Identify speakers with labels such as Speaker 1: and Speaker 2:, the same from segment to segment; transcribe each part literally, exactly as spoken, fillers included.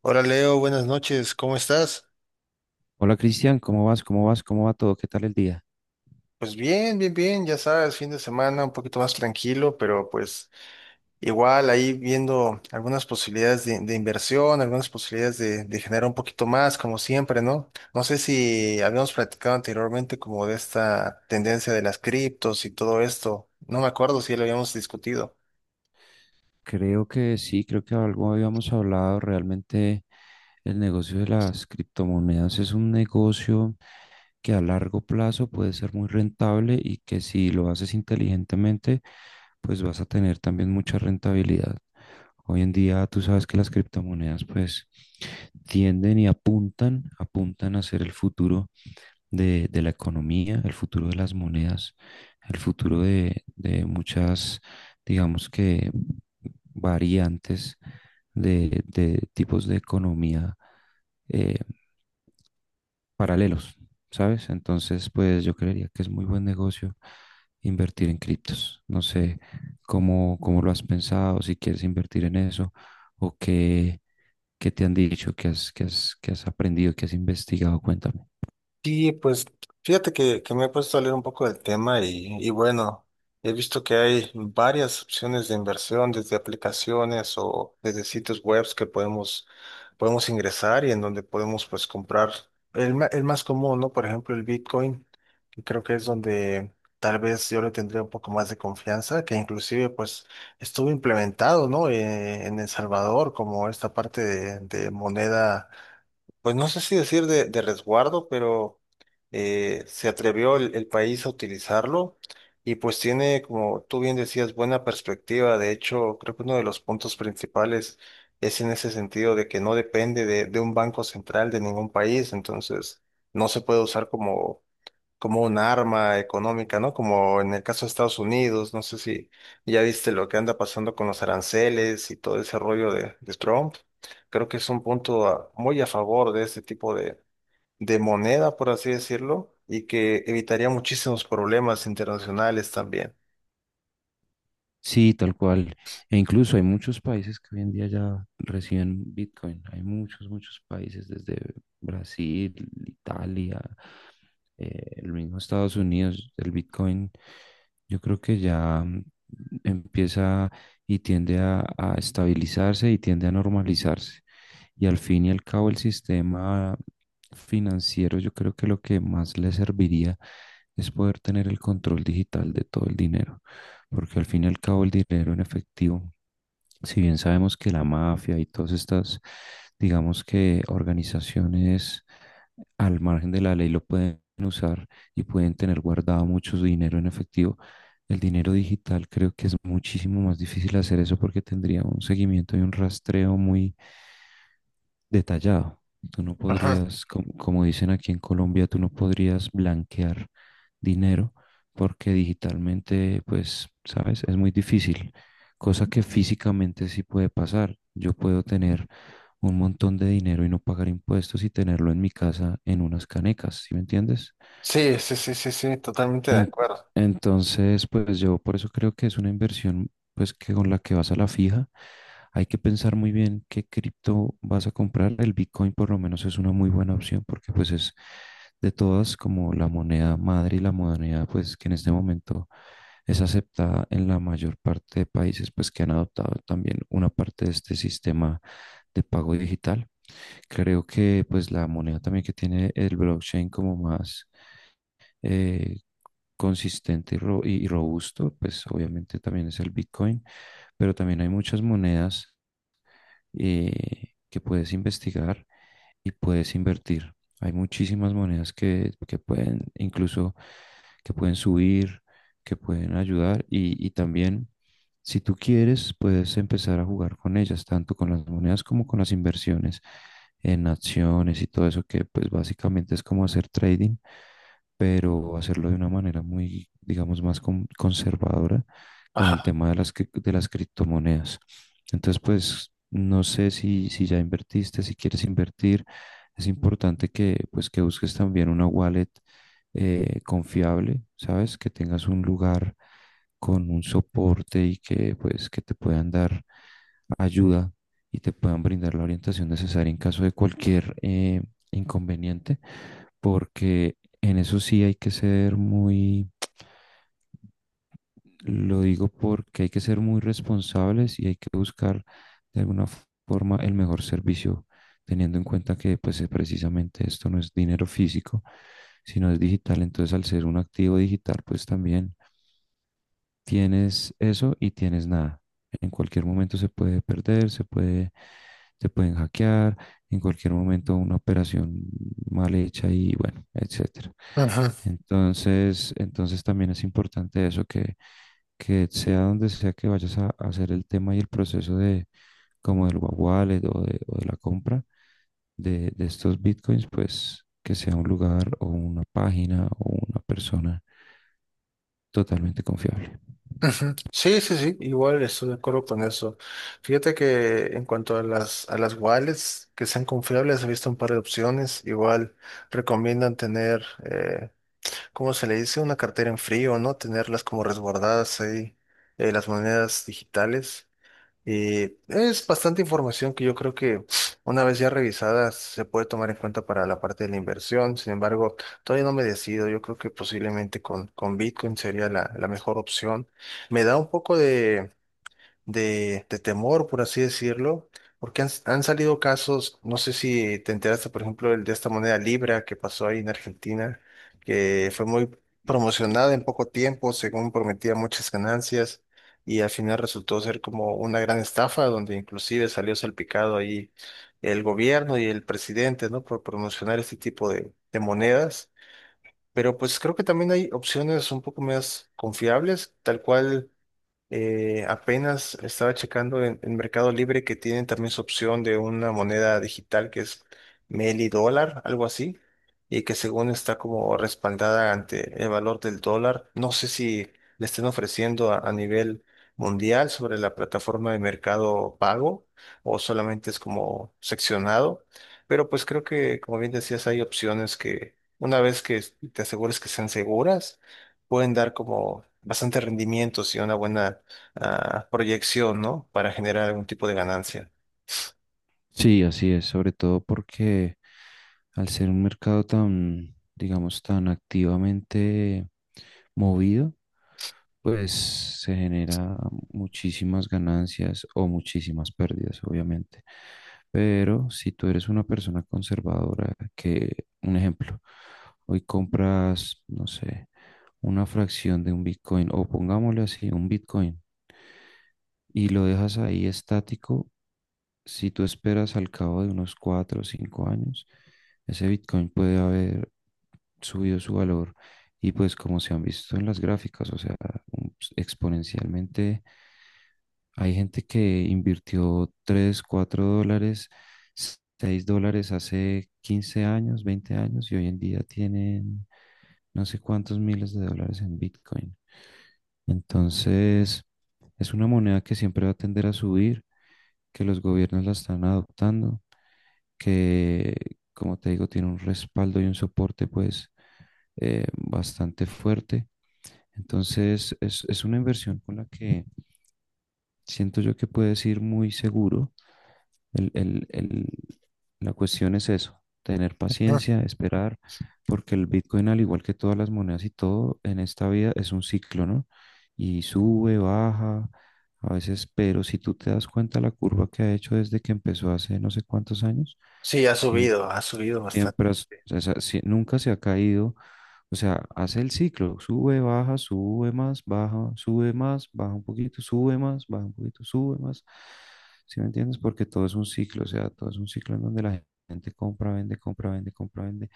Speaker 1: Hola Leo, buenas noches, ¿cómo estás?
Speaker 2: Hola Cristian, ¿cómo vas? ¿Cómo vas? ¿Cómo va todo? ¿Qué tal el día?
Speaker 1: Pues bien, bien, bien, ya sabes, fin de semana un poquito más tranquilo, pero pues igual ahí viendo algunas posibilidades de, de inversión, algunas posibilidades de, de generar un poquito más, como siempre, ¿no? No sé si habíamos platicado anteriormente como de esta tendencia de las criptos y todo esto, no me acuerdo si ya lo habíamos discutido.
Speaker 2: Creo que sí, creo que algo habíamos hablado. Realmente el negocio de las criptomonedas es un negocio que a largo plazo puede ser muy rentable y que si lo haces inteligentemente, pues vas a tener también mucha rentabilidad. Hoy en día tú sabes que las criptomonedas pues tienden y apuntan, apuntan a ser el futuro de, de la economía, el futuro de las monedas, el futuro de, de muchas, digamos que, variantes de, de tipos de economía eh, paralelos, ¿sabes? Entonces, pues yo creería que es muy buen negocio invertir en criptos. No sé cómo, cómo lo has pensado, si quieres invertir en eso o qué, qué te han dicho, qué has, qué has, qué has aprendido, qué has investigado, cuéntame.
Speaker 1: Sí, pues fíjate que, que me he puesto a leer un poco del tema y, y bueno, he visto que hay varias opciones de inversión desde aplicaciones o desde sitios webs que podemos, podemos ingresar y en donde podemos pues comprar el, ma- el más común, ¿no? Por ejemplo, el Bitcoin, que creo que es donde tal vez yo le tendría un poco más de confianza, que inclusive pues estuvo implementado, ¿no? Eh, en El Salvador como esta parte de de moneda pues no sé si decir de, de resguardo, pero eh, se atrevió el, el país a utilizarlo y pues tiene, como tú bien decías, buena perspectiva. De hecho, creo que uno de los puntos principales es en ese sentido de que no depende de, de un banco central de ningún país, entonces no se puede usar como como un arma económica, ¿no? Como en el caso de Estados Unidos, no sé si ya viste lo que anda pasando con los aranceles y todo ese rollo de, de Trump. Creo que es un punto a- muy a favor de este tipo de, de moneda, por así decirlo, y que evitaría muchísimos problemas internacionales también.
Speaker 2: Sí, tal cual. E incluso hay muchos países que hoy en día ya reciben Bitcoin. Hay muchos, muchos países, desde Brasil, Italia, eh, el mismo Estados Unidos, el Bitcoin, yo creo que ya mm, empieza y tiende a, a estabilizarse y tiende a normalizarse. Y al fin y al cabo el sistema financiero, yo creo que lo que más le serviría es poder tener el control digital de todo el dinero porque al fin y al cabo el dinero en efectivo si bien sabemos que la mafia y todas estas, digamos que organizaciones al margen de la ley lo pueden usar y pueden tener guardado mucho su dinero en efectivo, el dinero digital creo que es muchísimo más difícil hacer eso porque tendría un seguimiento y un rastreo muy detallado. Tú no
Speaker 1: Ajá.
Speaker 2: podrías, como como, dicen aquí en Colombia, tú no podrías blanquear dinero porque digitalmente, pues, sabes, es muy difícil cosa que físicamente sí puede pasar. Yo puedo tener un montón de dinero y no pagar impuestos y tenerlo en mi casa en unas canecas, ¿sí me entiendes?
Speaker 1: Sí, sí, sí, sí, sí, totalmente de
Speaker 2: En-
Speaker 1: acuerdo.
Speaker 2: entonces, pues yo por eso creo que es una inversión, pues que con la que vas a la fija, hay que pensar muy bien qué cripto vas a comprar. El Bitcoin por lo menos es una muy buena opción porque pues es de todas como la moneda madre y la moneda pues que en este momento es aceptada en la mayor parte de países pues que han adoptado también una parte de este sistema de pago digital. Creo que pues la moneda también que tiene el blockchain como más eh, consistente y, ro- y robusto, pues obviamente también es el Bitcoin, pero también hay muchas monedas eh, que puedes investigar y puedes invertir. Hay muchísimas monedas que, que pueden, incluso que pueden subir, que pueden ayudar y, y también si tú quieres puedes empezar a jugar con ellas, tanto con las monedas como con las inversiones en acciones y todo eso que pues básicamente es como hacer trading pero hacerlo de una manera muy, digamos, más con- conservadora con el tema de las, cri- de las criptomonedas. Entonces, pues, no sé si, si ya invertiste, si quieres invertir, es importante que, pues, que busques también una wallet eh, confiable, ¿sabes? Que tengas un lugar con un soporte y que, pues, que te puedan dar ayuda y te puedan brindar la orientación necesaria en caso de cualquier eh, inconveniente, porque en eso sí hay que ser muy, lo digo porque hay que ser muy responsables y hay que buscar de alguna forma el mejor servicio, teniendo en cuenta que pues eh, precisamente esto no es dinero físico, sino es digital. Entonces al ser un activo digital, pues también tienes eso y tienes nada. En cualquier momento se puede perder, se puede, se pueden hackear, en cualquier momento una operación mal hecha y bueno, etcétera.
Speaker 1: Ajá.
Speaker 2: Entonces, entonces también es importante eso que, que sea donde sea que vayas a, a hacer el tema y el proceso de como del wallet o de, o de la compra de, de estos bitcoins, pues que sea un lugar o una página o una persona totalmente confiable.
Speaker 1: Ujú. Sí, sí, sí, igual estoy de acuerdo con eso. Fíjate que en cuanto a las, a las wallets que sean confiables, he visto un par de opciones. Igual recomiendan tener, eh, ¿cómo se le dice? Una cartera en frío, ¿no? Tenerlas como resguardadas ahí, eh, las monedas digitales. Y es bastante información que yo creo que una vez ya revisada se puede tomar en cuenta para la parte de la inversión. Sin embargo, todavía no me decido. Yo creo que posiblemente con, con Bitcoin sería la, la mejor opción. Me da un poco de, de, de temor, por así decirlo, porque han, han salido casos, no sé si te enteraste, por ejemplo, el de esta moneda Libra que pasó ahí en Argentina, que fue muy promocionada en poco tiempo, según prometía muchas ganancias, y al final resultó ser como una gran estafa, donde inclusive salió salpicado ahí el gobierno y el presidente, ¿no? Por promocionar este tipo de, de monedas. Pero pues creo que también hay opciones un poco más confiables, tal cual eh, apenas estaba checando en, en Mercado Libre que tienen también su opción de una moneda digital que es Meli dólar, algo así, y que según está como respaldada ante el valor del dólar. No sé si le estén ofreciendo a, a nivel mundial sobre la plataforma de Mercado Pago o solamente es como seccionado, pero pues creo que, como bien decías, hay opciones que una vez que te asegures que sean seguras, pueden dar como bastante rendimientos y una buena ah, proyección, ¿no? Para generar algún tipo de ganancia.
Speaker 2: Sí, así es, sobre todo porque al ser un mercado tan, digamos, tan activamente movido, pues se genera muchísimas ganancias o muchísimas pérdidas, obviamente. Pero si tú eres una persona conservadora, que, un ejemplo, hoy compras, no sé, una fracción de un Bitcoin, o pongámosle así, un Bitcoin, y lo dejas ahí estático si tú esperas al cabo de unos cuatro o cinco años, ese Bitcoin puede haber subido su valor y pues como se han visto en las gráficas, o sea, un- pues, exponencialmente hay gente que invirtió tres cuatro dólares, seis dólares hace quince años, veinte años y hoy en día tienen no sé cuántos miles de dólares en Bitcoin. Entonces, es una moneda que siempre va a tender a subir, que los gobiernos la están adoptando que, como te digo, tiene un respaldo y un soporte pues eh, bastante fuerte. Entonces es, es una inversión con la que siento yo que puedes ir muy seguro. El- el- el- la cuestión es eso, tener
Speaker 1: Ujú.
Speaker 2: paciencia, esperar, porque el Bitcoin, al igual que todas las monedas y todo en esta vida, es un ciclo, ¿no? Y sube, baja, a veces, pero si tú te das cuenta la curva que ha hecho desde que empezó hace no sé cuántos años,
Speaker 1: Sí, ha subido, ha subido bastante.
Speaker 2: siempre, has- o sea, si- nunca se ha caído. O sea, hace el ciclo, sube, baja, sube más, baja, sube más, baja un poquito, sube más, baja un poquito, sube más. ¿Sí me entiendes? Porque todo es un ciclo, o sea, todo es un ciclo en donde la gente compra, vende, compra, vende, compra, vende.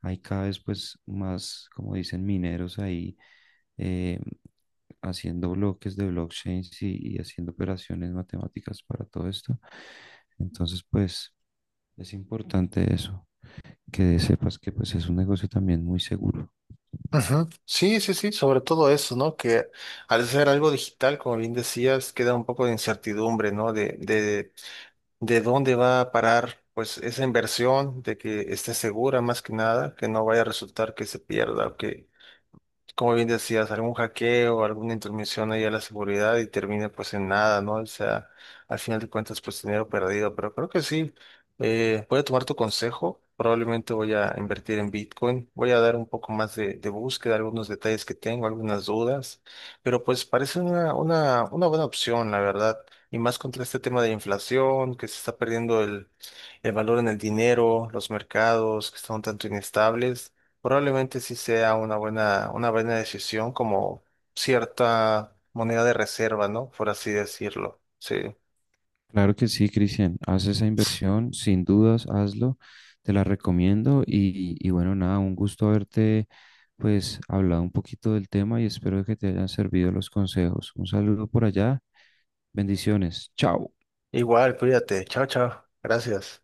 Speaker 2: Hay cada vez pues más, como dicen, mineros ahí eh, haciendo bloques de blockchains y, y haciendo operaciones matemáticas para todo esto. Entonces, pues es importante eso que sepas que pues es un negocio también muy seguro.
Speaker 1: Ujú. Sí, sí, sí, sobre todo eso, ¿no? Que al ser algo digital, como bien decías, queda un poco de incertidumbre, ¿no? De, de, de dónde va a parar, pues, esa inversión, de que esté segura más que nada, que no vaya a resultar que se pierda, o que como bien decías, algún hackeo, alguna intromisión ahí a la seguridad y termina pues en nada, ¿no? O sea, al final de cuentas pues dinero perdido, pero creo que sí, eh, voy a tomar tu consejo, probablemente voy a invertir en Bitcoin, voy a dar un poco más de, de búsqueda, algunos detalles que tengo, algunas dudas, pero pues parece una, una, una buena opción, la verdad, y más contra este tema de inflación, que se está perdiendo el, el valor en el dinero, los mercados que están un tanto inestables. Probablemente sí sea una buena, una buena decisión como cierta moneda de reserva, ¿no? Por así decirlo. Sí.
Speaker 2: Claro que sí, Cristian, haz esa inversión, sin dudas, hazlo, te la recomiendo y, y bueno, nada, un gusto haberte pues hablado un poquito del tema y espero que te hayan servido los consejos. Un saludo por allá, bendiciones, chao.
Speaker 1: Igual, cuídate. Chao, chao. Gracias.